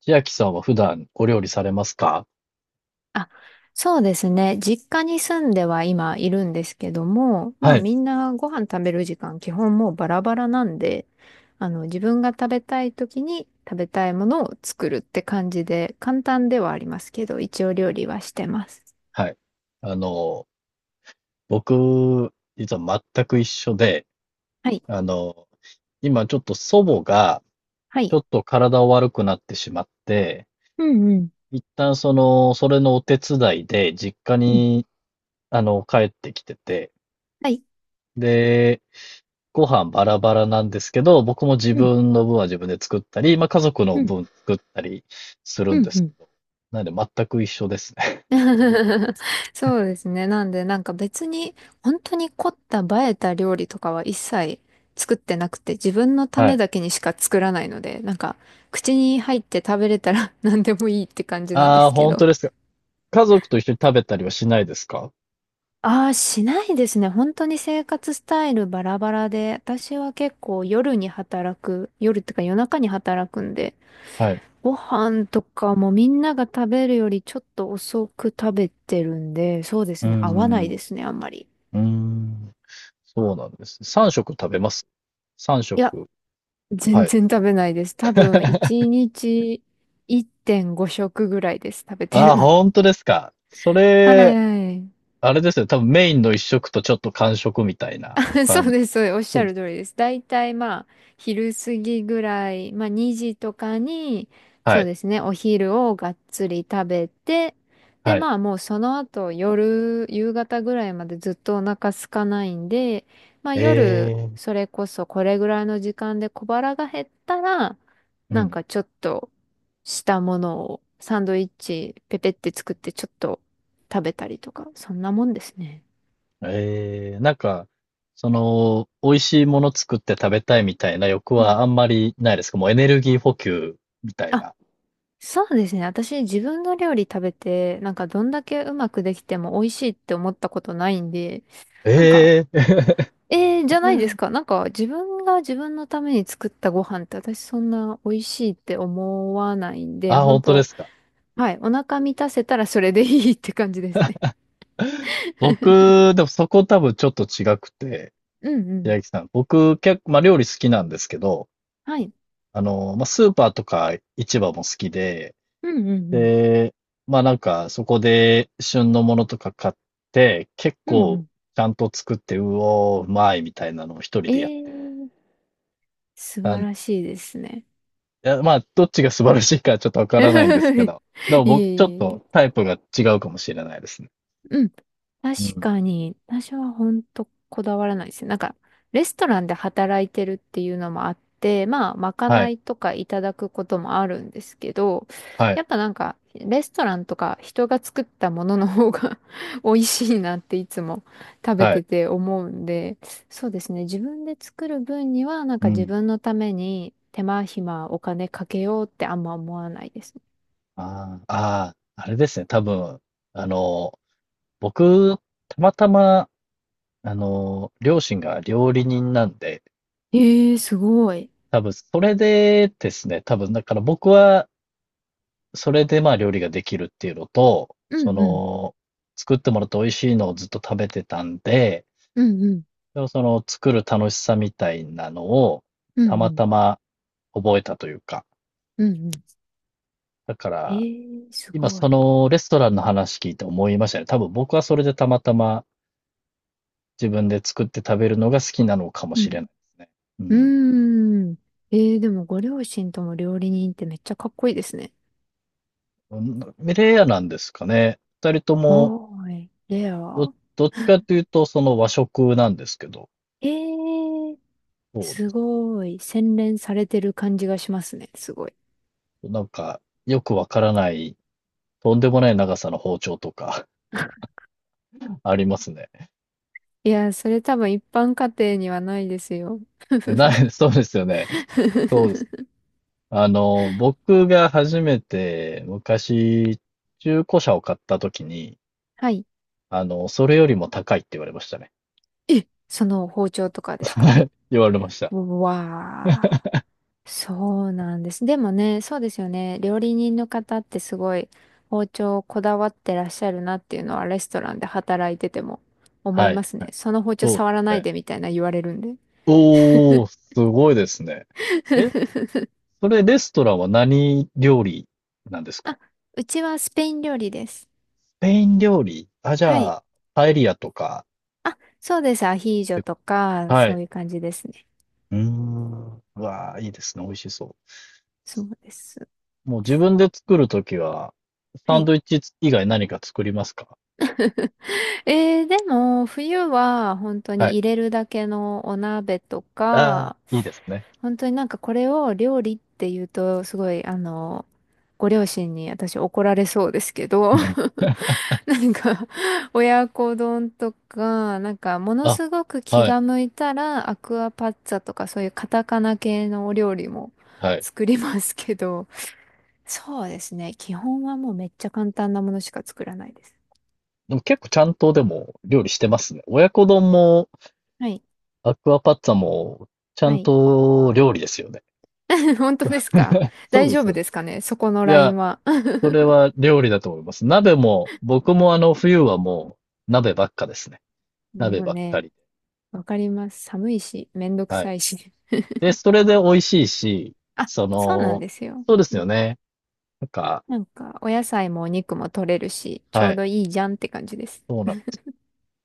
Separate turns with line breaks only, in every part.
千秋さんは普段お料理されますか？
あ、そうですね。実家に住んでは今いるんですけども、ま
は
あ
い。
みんなご飯食べる時間基本もうバラバラなんで、自分が食べたい時に食べたいものを作るって感じで、簡単ではありますけど、一応料理はしてます。
はい。あの、僕、実は全く一緒で、
はい。
あの、今ちょっと祖母が、
は
ち
い。
ょっと体を悪くなってしまって、
うんうん。
一旦それのお手伝いで実家
うん。
に、帰ってきてて、
はい。
で、ご飯バラバラなんですけど、僕も自
うん。
分の分は自分で作ったり、まあ家族の
うん。
分作ったりする
う
んですけ
ん。
ど、なんで全く一緒ですね。
そうですね。なんで、なんか別に、本当に凝った映えた料理とかは一切作ってなくて、自分のた
は
め
い。
だけにしか作らないので、口に入って食べれたら 何でもいいって感じなんで
ああ、
すけ
本
ど。
当です。家族と一緒に食べたりはしないですか？
ああ、しないですね。本当に生活スタイルバラバラで、私は結構夜に働く、夜ってか夜中に働くんで、
はい。う
ご飯とかもみんなが食べるよりちょっと遅く食べてるんで、そうで
ー
すね。合わない
ん。う
ですね、あんまり。
ーん。そうなんですね。3食食べます？
い
3
や、
食。は
全
い。
然食べないです。多分、1 日1.5食ぐらいです。食べて
あ
る
あ、
の。
本当ですか。そ
はい
れ、
はい。
あれですよね。多分メインの1食とちょっと間食みたいな 感
そう
じ。
です、そうです。おっし
そう
ゃ
で
る
す。
通りです。だいたいまあ、昼過ぎぐらい、まあ2時とかに、
は
そう
い。
ですね、お昼をがっつり食べて、で、
はい。
まあもうその後夜、夕方ぐらいまでずっとお腹空かないんで、まあ
え
夜、
え。
それこそこれぐらいの時間で小腹が減ったら、
う
なん
ん。
かちょっとしたものをサンドイッチペペって作って、ちょっと食べたりとか、そんなもんですね。
ええ、なんか、美味しいもの作って食べたいみたいな欲
うん、
はあんまりないですか？もうエネルギー補給みたいな。
そうですね。私、自分の料理食べて、なんかどんだけうまくできても美味しいって思ったことないんで、なんか、
ええ。
じゃないですか。なんか自分が自分のために作ったご飯って私そんな美味しいって思わないんで、
あ、
本
本当で
当。
すか。
はい。お腹満たせたらそれでいいって感じですね。
僕、でもそこ多分ちょっと違くて、
うんうん。
平木さん。僕、結構、まあ料理好きなんですけど、
はい。
まあスーパーとか市場も好きで、
うんうん
で、まあなんかそこで旬のものとか買って、結
うん。うんう
構
ん。
ちゃんと作って、うおー、うまいみたいなのを一人
え
でやっ
ー、素
た
晴
んで、
らしいですね。
いやまあどっちが素晴らしいかちょっとわからないんですけ
いえ
ど、でも
い
僕ちょっ
えいえ。
とタイプが違うかもしれないですね。
うん、確
うん。
かに、私は本当こだわらないですね。なんか、レストランで働いてるっていうのもあって、まあ、まか
は
な
い、
いとかいただくこともあるんですけど、
はい、
やっぱなんか、レストランとか人が作ったものの方が 美味しいなっていつも食べ
は
て
い。
て思うんで、そうですね。自分で作る分には、なんか
う
自
ん。
分のために手間暇お金かけようってあんま思わないですね。
ああ、ああ、あれですね。多分、あの、僕、たまたま、両親が料理人なんで、
ええ、すごい。
多分、それでですね、多分、だから僕は、それでまあ料理ができるっていうのと、
うんうん。
作ってもらって美味しいのをずっと食べてたんで、
うんうん。
でも作る楽しさみたいなのを、
う
た
んう
ま
ん。
たま覚えたというか、
うんうん。
だか
え
ら、
え、す
今
ごい。
そのレストランの話聞いて思いましたね。多分僕はそれでたまたま自分で作って食べるのが好きなのかも
う
しれな
ん。
いですね。うん。
うーん。えー、でもご両親とも料理人ってめっちゃかっこいいですね。
うレアなんですかね。二人とも、
おーい、レ
ど、
ア。
どっちかというと、その和食なんですけど、
ええ、
そうで
す
す。
ごい。洗練されてる感じがしますね。すごい。
なんか、よくわからない、とんでもない長さの包丁とか ありますね。
いや、それ多分一般家庭にはないですよ。
えない、そうですよね。そうです。僕が初めて昔、中古車を買った時に、
はい。
それよりも高いって言われましたね。
え、その包丁とかですか？
言われました。
わあ。そうなんです。でもね、そうですよね。料理人の方ってすごい包丁をこだわってらっしゃるなっていうのはレストランで働いてても思い
は
ま
い。
す
は
ね。
い。
その包丁
そうで
触ら
す
ない
ね。
でみたいな言われるんで。
おー、すごいですね。え、それレストランは何料理なんですか？
あ、うちはスペイン料理です。
スペイン料理、あ、じ
はい。
ゃあ、パエリアとか
あ、そうです。ア
っ
ヒージョ
てこ
とか、
と。は
そ
い。
ういう感じですね。
うーん。うわー、いいですね。美味しそ
そうです。
う。もう自分で作るときは、
は
サン
い。
ドイッチ以外何か作りますか？
えー、でも、冬は本当
は
に
い。
入れるだけのお鍋と
ああ
か、
いいですね。
本当になんかこれを料理って言うと、すごい、ご両親に私怒られそうですけど、なんか、親子丼とか、なんか、もの
あ、
すごく気
はい、
が向いたら、アクアパッツァとか、そういうカタカナ系のお料理も
はい。
作りますけど、そうですね。基本はもうめっちゃ簡単なものしか作らないです。
でも結構ちゃんとでも料理してますね。親子丼も
はい。
アクアパッツァもちゃ
は
ん
い。
と料理ですよね。
本当ですか？
そう
大
で
丈
す
夫
よね。
ですかね、そこの
い
ライ
や、
ンは。
それは料理だと思います。鍋も、僕もあの冬はもう鍋ばっかですね。
で
鍋
も
ばっか
ね、
りで。
わかります。寒いし、めんどく
は
さ
い。
いし。
で、それで美味しいし、
あ、
そ
そうなん
の、
ですよ。
そうです
う
よ
ん。
ね。なんか、
なんか、お野菜もお肉も取れるし、ちょ
は
う
い。
どいいじゃんって感じです。
そうなんです。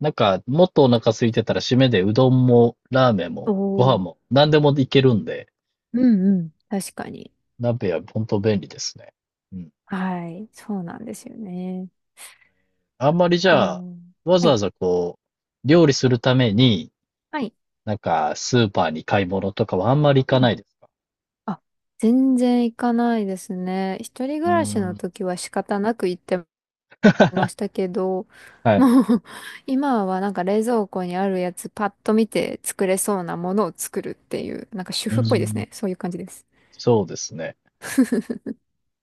なんか、もっとお腹空いてたら締めでうどんもラーメン
お
もご飯
お、
も何でもいけるんで、
うんうん。確かに。
鍋は本当便利ですね。うん。
はい。そうなんですよね。
あんまりじゃあ、
と、
わ
は
ざわ
い。
ざこう、料理するために、
はい。
なんかスーパーに買い物とかはあんまり行
う
かな
ん。
いですか？
あ、全然行かないですね。一人
う
暮
ー
らし
ん。
の時は仕方なく行ってましたけど、
はい。
もう 今はなんか冷蔵庫にあるやつパッと見て作れそうなものを作るっていう、なんか主
うー
婦っぽいです
ん。
ね。そういう感じです。
そうですね。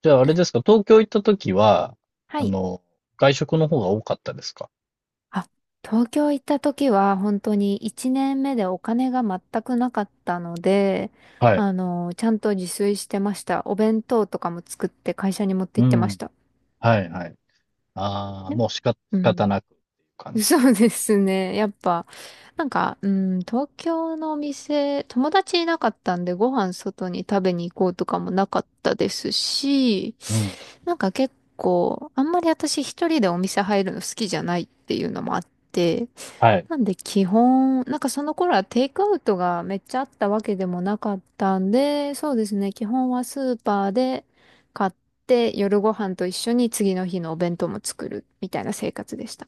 じゃあ、あれですか、東京行った時は、
は
あ
い。
の、外食の方が多かったですか？
あ、東京行った時は本当に1年目でお金が全くなかったので、
はい。
あの、ちゃんと自炊してました。お弁当とかも作って会社に持って
う
行ってま
ん。
した。
はいはい。ああ、
ね、
もうしか、
う
仕方
ん。
なくっていう感 じで
そ
す
うですね。やっぱ、なんか、うん、東京のお店、友達いなかったんでご飯外に食べに行こうとかもなかったですし、
ね。うん。
なんか結構、あんまり私一人でお店入るの好きじゃないっていうのもあって、
はい。
なんで基本、なんかその頃はテイクアウトがめっちゃあったわけでもなかったんで、そうですね、基本はスーパーで買って夜ご飯と一緒に次の日のお弁当も作るみたいな生活でした。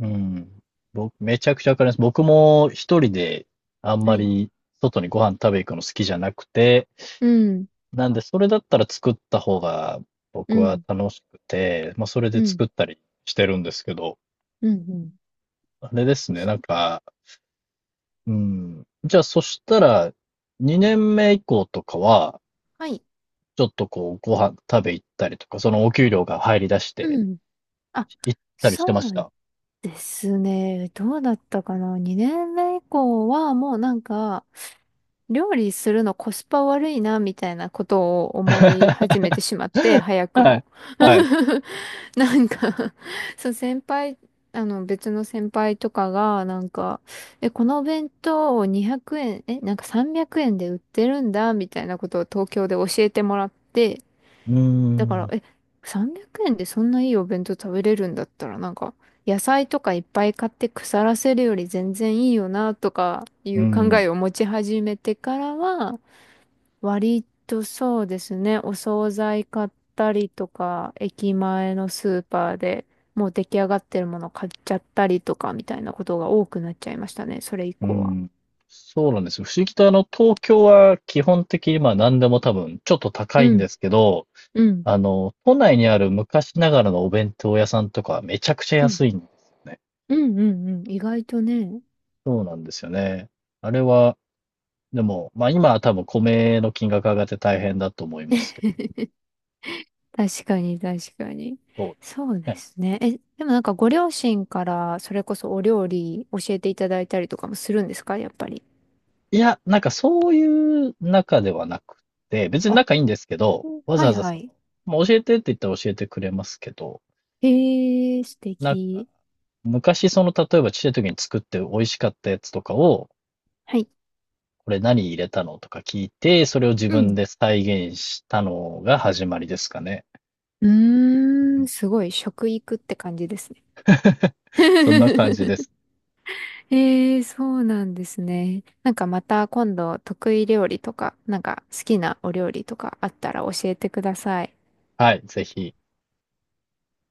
うん。僕、めちゃくちゃわかります。僕も一人であん
は
ま
い。
り外にご飯食べ行くの好きじゃなくて、
うん、
なんでそれだったら作った方が
う
僕は
ん、
楽しくて、まあそれ
う
で
ん、
作ったりしてるんですけど、
うん、うん。
あれですね、なんか、うん。じゃあ、そしたら、2年目以降とかは、
はい。
ちょっとこう、ご飯食べ行ったりとか、そのお給料が入り出して
うん。あ、
行ったりして
そ
まし
う
た。
ですね。どうだったかな？ 2 年目以降はもうなんか、料理するのコスパ悪いな、みたいなことを 思い始めてしまって、早く
はい。
も。
はい。
なんかそう、先輩、別の先輩とかが、え、このお弁当を200円、え、なんか300円で売ってるんだ、みたいなことを東京で教えてもらって、
うー
だから、
ん。
え、300円でそんないいお弁当食べれるんだったら、なんか、野菜とかいっぱい買って腐らせるより全然いいよな、とかい
う
う考
ん。
えを持ち始めてからは、割とそうですね、お惣菜買ったりとか、駅前のスーパーでもう出来上がってるもの買っちゃったりとか、みたいなことが多くなっちゃいましたね、それ以
う
降は。
ん。そうなんですよ。不思議と東京は基本的にまあ何でも多分ちょっと高
う
いんで
ん、
すけど、
うん、
都内にある昔ながらのお弁当屋さんとかめちゃくちゃ
うん、
安いんですよね。
うん、うん、うん、意外とね。
そうなんですよね。あれはでも、まあ今は多分米の金額上がって大変だと思いますけ
確かに、確かに。
ど、そう
そう
で
で
すね。
すね。え、でもなんかご両親からそれこそお料理教えていただいたりとかもするんですか、やっぱり。
いや、なんかそういう中ではなくて、別に
あ、
仲いいんですけど、
うん、
わ
は
ざわ
い
ざ
はい。
まあ、教えてって言ったら教えてくれますけど、
へえ、素
なんか、
敵。
昔例えばちっちゃい時に作って美味しかったやつとかを、
はい。
これ何入れたのとか聞いて、それを自
う
分
ん。
で再現したのが始まりですかね。
うーん、すごい食育って感じですね。
そんな感じで す。
ええ、そうなんですね。なんかまた今度得意料理とか、なんか好きなお料理とかあったら教えてください。
はい、ぜひ。